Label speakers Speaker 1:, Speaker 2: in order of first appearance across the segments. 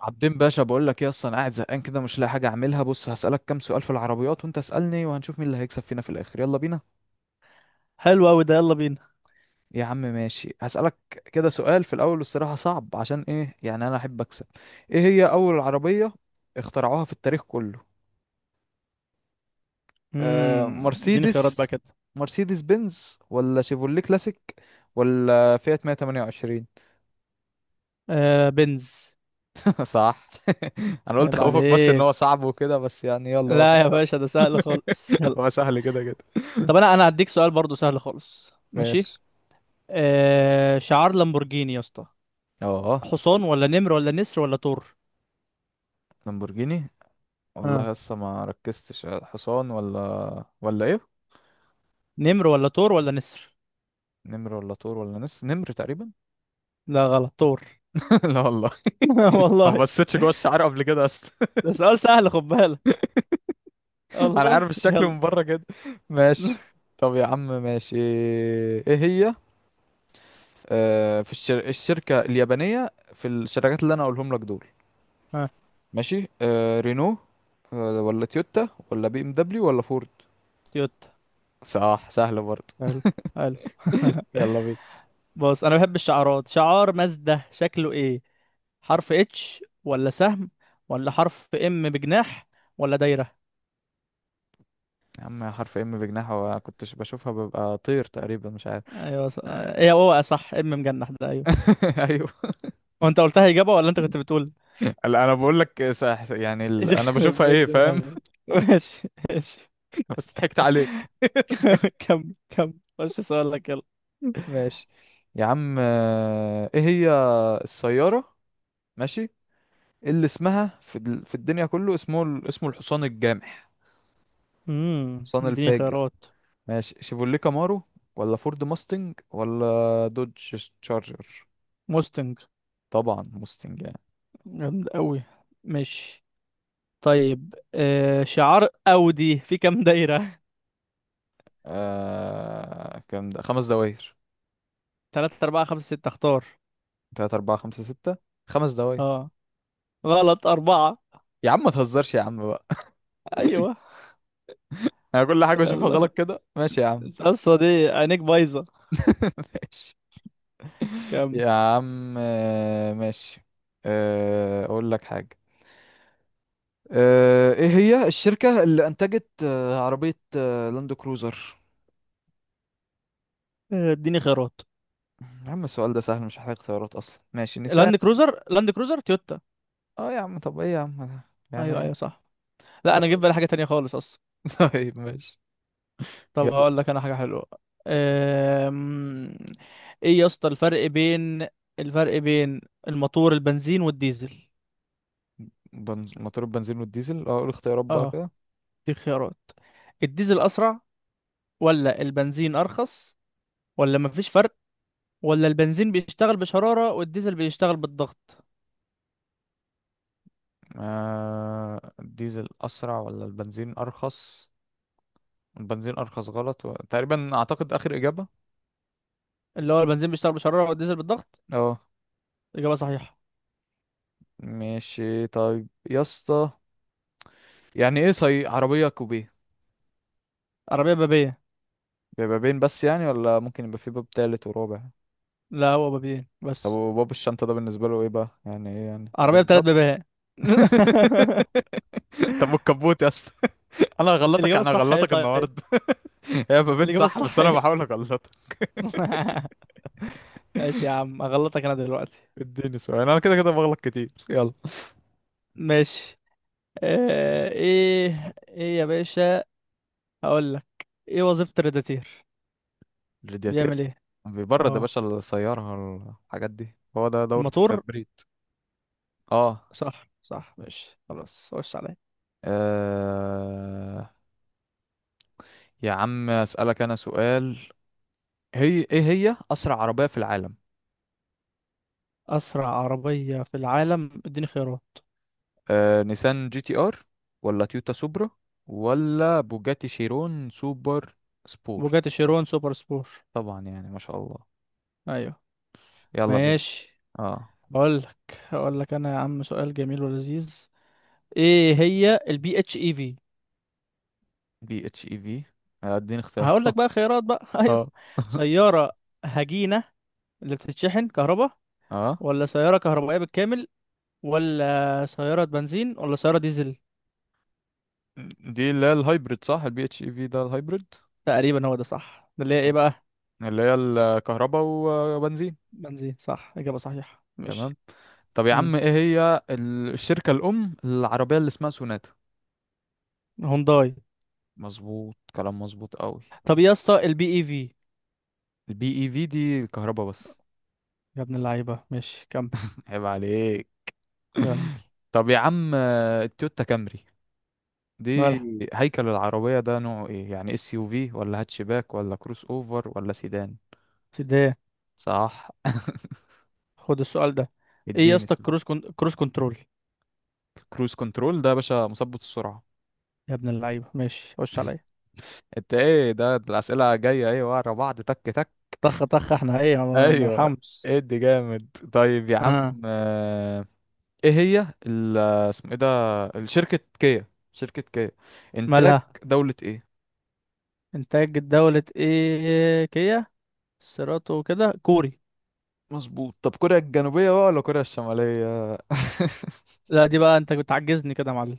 Speaker 1: عابدين باشا، بقول لك ايه؟ اصلا قاعد زهقان كده، مش لاقي حاجه اعملها. بص، هسالك كام سؤال في العربيات وانت اسالني، وهنشوف مين اللي هيكسب فينا في الاخر. يلا بينا.
Speaker 2: حلو قوي ده، يلا بينا.
Speaker 1: يا عم ماشي، هسالك كده. سؤال في الاول الصراحه صعب، عشان ايه؟ يعني انا احب اكسب. ايه هي اول عربيه اخترعوها في التاريخ كله؟ آه
Speaker 2: اديني خيارات بقى
Speaker 1: مرسيدس
Speaker 2: كده.
Speaker 1: مرسيدس بنز ولا شيفولي كلاسيك ولا فيات 128؟
Speaker 2: آه، بنز.
Speaker 1: صح. انا قلت
Speaker 2: عيب
Speaker 1: خوفك، بس ان هو
Speaker 2: عليك.
Speaker 1: صعب وكده، بس يعني يلا هو كان
Speaker 2: لا يا
Speaker 1: سهل.
Speaker 2: باشا، ده سهل خالص، يلا.
Speaker 1: هو سهل كده كده.
Speaker 2: طب انا هديك سؤال برضو سهل خالص، ماشي.
Speaker 1: ماشي.
Speaker 2: آه، شعار لامبورجيني يا اسطى،
Speaker 1: اه
Speaker 2: حصان ولا نمر ولا نسر ولا تور؟
Speaker 1: لامبورجيني.
Speaker 2: ها،
Speaker 1: والله لسه ما ركزتش، حصان ولا ايه؟
Speaker 2: نمر ولا تور ولا نسر؟
Speaker 1: نمر ولا طور ولا نمر تقريبا.
Speaker 2: لا، غلط، تور.
Speaker 1: لا والله. ما
Speaker 2: والله.
Speaker 1: بصيتش جوه الشعر قبل كده اصلا.
Speaker 2: ده سؤال سهل، خد بالك.
Speaker 1: انا
Speaker 2: والله
Speaker 1: عارف الشكل
Speaker 2: يلا.
Speaker 1: من بره كده. ماشي. طب يا عم ماشي. ايه هي في الشركة اليابانية في الشركات اللي انا اقولهم لك دول؟
Speaker 2: ها.
Speaker 1: ماشي، رينو ولا تويوتا ولا بي ام دبليو ولا فورد؟
Speaker 2: تويوتا.
Speaker 1: صح، سهلة برضه.
Speaker 2: حلو. حلو.
Speaker 1: يلا بينا.
Speaker 2: بص، انا بحب الشعارات. شعار مازدا شكله ايه؟ حرف اتش ولا سهم، ولا حرف ام بجناح، ولا دايرة؟
Speaker 1: يا عم، حرف ام بجناحه، كنتش بشوفها ببقى طير تقريبا، مش عارف.
Speaker 2: ايوه ايه، هو صح ام مجنح ده، ايوه.
Speaker 1: ايوه.
Speaker 2: هو انت قلتها اجابة ولا انت كنت بتقول؟
Speaker 1: لا، انا بقول لك صح، يعني انا
Speaker 2: يخرب
Speaker 1: بشوفها،
Speaker 2: بيت
Speaker 1: ايه فاهم؟
Speaker 2: دماغك. ماشي ماشي.
Speaker 1: بس ضحكت عليك. ضحكت.
Speaker 2: كمل كمل، خش سؤالك يلا.
Speaker 1: ماشي. يا عم ايه هي السيارة؟ ماشي. اللي اسمها في الدنيا كله، اسمه اسمه الحصان الجامح، الحصان
Speaker 2: اديني
Speaker 1: الفاجر.
Speaker 2: خيارات.
Speaker 1: ماشي، شيفوليه كامارو ولا فورد ماستنج ولا دوج تشارجر؟
Speaker 2: موستنج.
Speaker 1: طبعا ماستنج يعني.
Speaker 2: جامد قوي. ماشي. طيب آه، شعار اودي في كام دايرة؟
Speaker 1: كام ده؟ خمس دوائر.
Speaker 2: 3 4 5 6 اختار.
Speaker 1: تلاتة، أربعة، خمسة، ستة. خمس دوائر.
Speaker 2: اه. غلط، أربعة.
Speaker 1: يا عم ما تهزرش يا عم بقى.
Speaker 2: ايوه.
Speaker 1: انا كل حاجه بشوفها
Speaker 2: يلا.
Speaker 1: غلط كده. ماشي يا عم.
Speaker 2: القصه دي عينيك بايظه.
Speaker 1: ماشي.
Speaker 2: كام؟
Speaker 1: يا عم ماشي. اقول لك حاجه. ايه هي الشركه اللي انتجت عربيه لاند كروزر؟
Speaker 2: آه، اديني خيارات.
Speaker 1: يا عم السؤال ده سهل، مش محتاج اختيارات اصلا. ماشي، نيسان.
Speaker 2: لاند كروزر، لاند كروزر تويوتا.
Speaker 1: اه يا عم، طب ايه يا عم؟
Speaker 2: ايوه
Speaker 1: يعني.
Speaker 2: ايوه، صح. لا، انا جيب
Speaker 1: يلا.
Speaker 2: بالي حاجه تانية خالص اصلا.
Speaker 1: طيب ماشي.
Speaker 2: طب
Speaker 1: يلا.
Speaker 2: هقول لك انا حاجه حلوه. أم... ايه يا اسطى الفرق بين الفرق بين الموتور البنزين والديزل؟
Speaker 1: موتور البنزين والديزل. اه، قول اختيارات بقى
Speaker 2: اه،
Speaker 1: كده.
Speaker 2: دي خيارات. الديزل اسرع، ولا البنزين ارخص، ولا مفيش فرق، ولا البنزين بيشتغل بشرارة والديزل بيشتغل بالضغط؟
Speaker 1: الديزل اسرع ولا البنزين ارخص؟ البنزين ارخص غلط، تقريبا اعتقد اخر اجابه.
Speaker 2: اللي هو البنزين بيشتغل بشرارة والديزل بالضغط.
Speaker 1: اه.
Speaker 2: إجابة صحيحة.
Speaker 1: ماشي طيب يا اسطى. يعني ايه صي عربية كوبيه؟
Speaker 2: عربية بابية.
Speaker 1: بيبقى بين بس يعني، ولا ممكن يبقى في باب تالت ورابع؟
Speaker 2: لا، هو بابين
Speaker 1: طب
Speaker 2: بس.
Speaker 1: وباب الشنطة ده بالنسبة له ايه بقى؟ يعني ايه يعني؟ ده
Speaker 2: عربية
Speaker 1: مش
Speaker 2: بثلاث
Speaker 1: باب.
Speaker 2: بابيات.
Speaker 1: طب والكبوت يا اسطى؟ انا هغلطك،
Speaker 2: الإجابة
Speaker 1: انا
Speaker 2: الصح ايه
Speaker 1: هغلطك
Speaker 2: طيب؟
Speaker 1: النهارده. هي ما بين
Speaker 2: الإجابة
Speaker 1: صح، بس
Speaker 2: الصح
Speaker 1: انا
Speaker 2: ايه؟
Speaker 1: بحاول اغلطك.
Speaker 2: ماشي يا عم، أغلطك أنا دلوقتي.
Speaker 1: اديني سؤال، انا كده كده بغلط كتير. يلا.
Speaker 2: ماشي. آه، ايه ايه يا باشا، هقول لك. ايه وظيفة الريداتير؟
Speaker 1: الرادياتير
Speaker 2: بيعمل ايه؟
Speaker 1: بيبرد يا
Speaker 2: اه،
Speaker 1: باشا السيارة. الحاجات دي، هو ده دورة
Speaker 2: الموتور.
Speaker 1: التبريد. اه.
Speaker 2: صح صح، ماشي خلاص، خش عليا.
Speaker 1: آه، يا عم اسألك انا سؤال. هي ايه هي اسرع عربيه في العالم؟
Speaker 2: أسرع عربية في العالم، اديني خيارات.
Speaker 1: نيسان جي تي ار، ولا تويوتا سوبرا، ولا بوجاتي شيرون سوبر سبورت؟
Speaker 2: بوجاتي شيرون سوبر سبور.
Speaker 1: طبعا، يعني ما شاء الله.
Speaker 2: أيوه.
Speaker 1: يلا بينا.
Speaker 2: ماشي.
Speaker 1: اه.
Speaker 2: اقول لك انا يا عم سؤال جميل ولذيذ. ايه هي البي اتش اي في؟
Speaker 1: بي اتش اي في. اديني اختيار.
Speaker 2: هقول لك بقى خيارات بقى. ايوه،
Speaker 1: اه.
Speaker 2: سياره هجينه اللي بتتشحن كهرباء،
Speaker 1: اه.
Speaker 2: ولا سياره كهربائيه بالكامل، ولا سياره بنزين، ولا سياره ديزل؟
Speaker 1: دي اللي هي الهايبريد صح؟ البي اتش اي في ده الهايبريد،
Speaker 2: تقريبا هو ده صح، ده اللي هي ايه بقى؟
Speaker 1: اللي هي الكهرباء وبنزين.
Speaker 2: بنزين، صح، اجابه صحيحه،
Speaker 1: تمام.
Speaker 2: ماشي.
Speaker 1: طب يا عم،
Speaker 2: امم
Speaker 1: ايه هي الشركة الأم العربية اللي اسمها سوناتا؟
Speaker 2: هونداي.
Speaker 1: مظبوط، كلام مظبوط قوي.
Speaker 2: طب يا اسطى البي اي في؟
Speaker 1: البي اي في دي الكهرباء بس.
Speaker 2: يا ابن اللعيبه، ماشي كمل.
Speaker 1: عيب عليك.
Speaker 2: كمل.
Speaker 1: طب يا عم التويوتا كامري دي،
Speaker 2: مالها؟
Speaker 1: هيكل العربية ده نوعه ايه؟ يعني اس يو في ولا هاتشباك ولا كروس اوفر ولا سيدان؟
Speaker 2: سيدي.
Speaker 1: صح.
Speaker 2: خد السؤال ده. ايه يا
Speaker 1: اديني
Speaker 2: اسطى
Speaker 1: سؤال.
Speaker 2: الكروز كروز كنترول؟
Speaker 1: كروز كنترول ده يا باشا مثبت السرعة.
Speaker 2: يا ابن اللعيبة، ماشي خش عليا.
Speaker 1: انت ايه ده الأسئلة جاية ايه ورا بعض؟ تك تك.
Speaker 2: طخ طخ، احنا ايه ما
Speaker 1: ايوه.
Speaker 2: نرحمش.
Speaker 1: ادي جامد. طيب يا عم
Speaker 2: اه.
Speaker 1: ايه هي اسمه ايه ده الشركة كيا. شركة كيا انتاج
Speaker 2: مالها؟
Speaker 1: دولة ايه؟
Speaker 2: انتاج دولة ايه كيا؟ سيراتو، كده كوري.
Speaker 1: مظبوط. طب كوريا الجنوبية بقى ولا كوريا الشمالية؟
Speaker 2: لا دي بقى، انت بتعجزني كده يا معلم.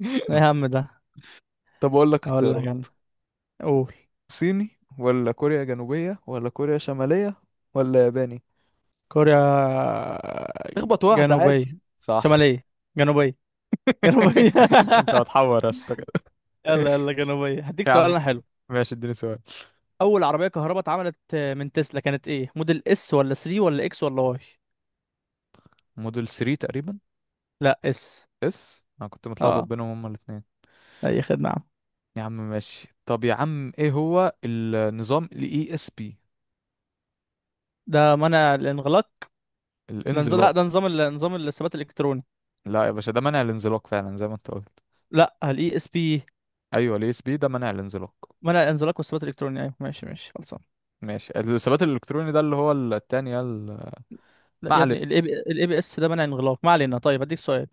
Speaker 2: ايه هم ده؟
Speaker 1: طب أقول لك
Speaker 2: اقول لك
Speaker 1: اختيارات.
Speaker 2: انا. قول.
Speaker 1: صيني ولا كوريا جنوبية ولا كوريا شمالية ولا ياباني؟
Speaker 2: كوريا.
Speaker 1: اخبط واحدة
Speaker 2: جنوبية.
Speaker 1: عادي، صح؟
Speaker 2: شمالية. جنوبية. جنوبية.
Speaker 1: انت هتحور يا اسطى كده.
Speaker 2: يلا يلا، جنوبية. هديك
Speaker 1: يا
Speaker 2: سؤال
Speaker 1: عم،
Speaker 2: انا حلو.
Speaker 1: ماشي اديني سؤال.
Speaker 2: اول عربية كهرباء اتعملت من تسلا كانت ايه، موديل اس ولا 3 ولا اكس ولا واي؟
Speaker 1: موديل 3 تقريبا.
Speaker 2: لا، اس.
Speaker 1: اس، انا كنت متلخبط
Speaker 2: اه.
Speaker 1: بينهم هما الاثنين.
Speaker 2: اي خدمة.
Speaker 1: يا عم ماشي، طب يا عم ايه هو النظام الاي اس بي؟
Speaker 2: ده منع الانغلاق. ده نظام، لا
Speaker 1: الانزلاق.
Speaker 2: ده نظام نظام الثبات الالكتروني.
Speaker 1: لا يا باشا، ده منع الانزلاق فعلا زي ما انت قلت.
Speaker 2: لا، الاي اس بي.
Speaker 1: ايوه، الاي اس بي ده منع الانزلاق.
Speaker 2: منع الانزلاق والثبات الالكتروني، ايوه ماشي ماشي، خلصان.
Speaker 1: ماشي، الثبات الالكتروني ده اللي هو التاني
Speaker 2: لا
Speaker 1: ما
Speaker 2: يا ابني،
Speaker 1: علينا.
Speaker 2: الاي بي اس ده منع انغلاق، ما علينا. طيب هديك سؤال.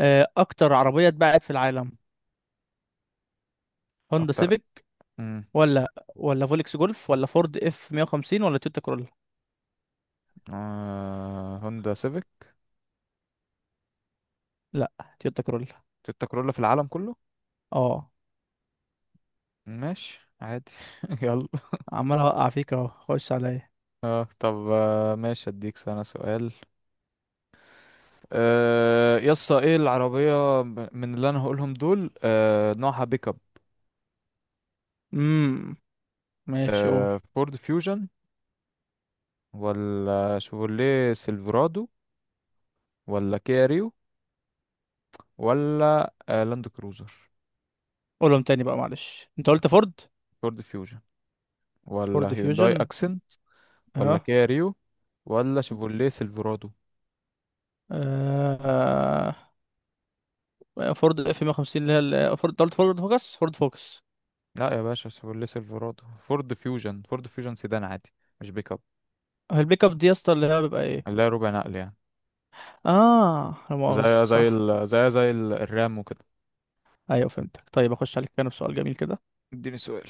Speaker 2: آه، اكتر عربيه اتباعت في العالم، هوندا
Speaker 1: اكتر.
Speaker 2: سيفيك،
Speaker 1: امم.
Speaker 2: ولا ولا فولكس جولف، ولا فورد اف 150، ولا تويوتا كرولا؟
Speaker 1: هوندا سيفيك؟
Speaker 2: لا، تويوتا كرولا.
Speaker 1: تويوتا كورولا في العالم كله.
Speaker 2: اه.
Speaker 1: ماشي عادي. يلا.
Speaker 2: عمال اوقع فيك اهو، خش عليا.
Speaker 1: اه، طب ماشي اديك انا سؤال. يسا، ايه العربية من اللي انا هقولهم دول نوعها بيك اب؟
Speaker 2: امم ماشي قول.
Speaker 1: فورد فيوجن، ولا شيفروليه سيلفرادو، ولا كيا ريو، ولا لاند كروزر؟
Speaker 2: قولهم تاني بقى، معلش، انت قلت فورد.
Speaker 1: فورد فيوجن، ولا
Speaker 2: فورد
Speaker 1: هيونداي
Speaker 2: فيوجن.
Speaker 1: اكسنت، ولا
Speaker 2: اه.
Speaker 1: كيا ريو، ولا شيفورليه سيلفرادو؟
Speaker 2: فورد اف 150، اللي هي فورد، قلت فورد فوكس، فورد فوكس.
Speaker 1: لا يا باشا، شيفورليه سيلفرادو. فورد فيوجن، فورد فيوجن سيدان عادي، مش بيك اب.
Speaker 2: هو البيك اب دي يا اسطى اللي هي بيبقى ايه؟
Speaker 1: اللي هي ربع نقل يعني،
Speaker 2: اه، لا مؤاخذة، صح.
Speaker 1: الرام وكده.
Speaker 2: ايوه فهمتك. طيب اخش عليك انا بسؤال جميل كده.
Speaker 1: اديني سؤال.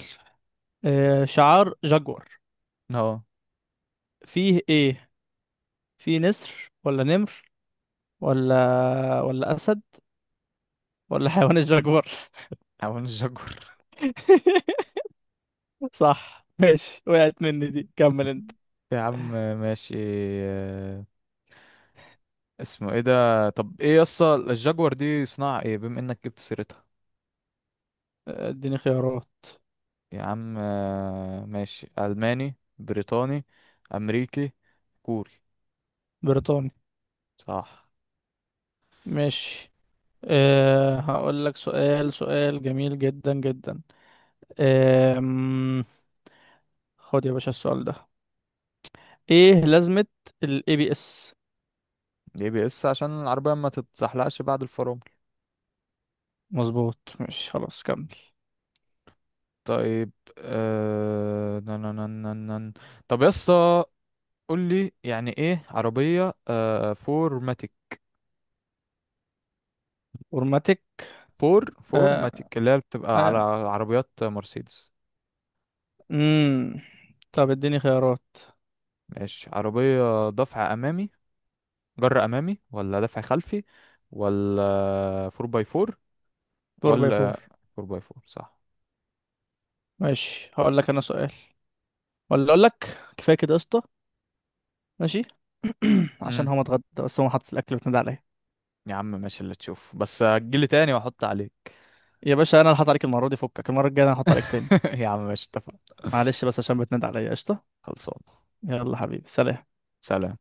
Speaker 2: آه، شعار جاكور
Speaker 1: اه.
Speaker 2: فيه ايه؟ فيه نسر، ولا نمر، ولا اسد، ولا حيوان الجاكور؟
Speaker 1: حاول الشجر.
Speaker 2: صح ماشي، وقعت مني دي. كمل انت.
Speaker 1: يا عم ماشي. آه، اسمه ايه ده؟ طب ايه يسطا، الجاكور دي صناعة ايه، بما انك جبت سيرتها؟
Speaker 2: آه، اديني خيارات.
Speaker 1: يا عم ماشي. ألماني، بريطاني، أمريكي، كوري؟
Speaker 2: بريطاني.
Speaker 1: صح.
Speaker 2: ماشي. أه، هقول لك سؤال سؤال جميل جدا جدا. أه، خد يا باشا السؤال ده. ايه لازمة ال ABS؟
Speaker 1: اي بي اس عشان العربية ما تتزحلقش بعد الفرامل.
Speaker 2: مظبوط، مش خلاص، كمل.
Speaker 1: طيب. آه... نن نن نن نن. طب يسا، قول لي يعني ايه عربية فور ماتيك؟
Speaker 2: اورماتيك.
Speaker 1: فور
Speaker 2: آه
Speaker 1: ماتيك اللي هي بتبقى على
Speaker 2: آه.
Speaker 1: عربيات مرسيدس.
Speaker 2: مم. طب اديني خيارات.
Speaker 1: ماشي، عربية دفع أمامي، جر أمامي، ولا دفع خلفي، ولا فور باي فور،
Speaker 2: 4 باي 4.
Speaker 1: ولا فور باي فور صح؟
Speaker 2: ماشي، هقول لك انا سؤال ولا اقول لك كفايه كده يا اسطى؟ ماشي. عشان
Speaker 1: امم.
Speaker 2: هو متغدى بس، هو حاطط الاكل بتنادي عليا.
Speaker 1: يا عم ماشي اللي تشوف، بس هتجيلي تاني واحط عليك.
Speaker 2: يا باشا انا اللي هحط عليك المره دي، فكك، المره الجايه انا هحط عليك تاني.
Speaker 1: يا عم ماشي، اتفقنا.
Speaker 2: معلش بس عشان بتنادي عليا، قشطه.
Speaker 1: خلصان.
Speaker 2: يلا حبيبي، سلام.
Speaker 1: سلام.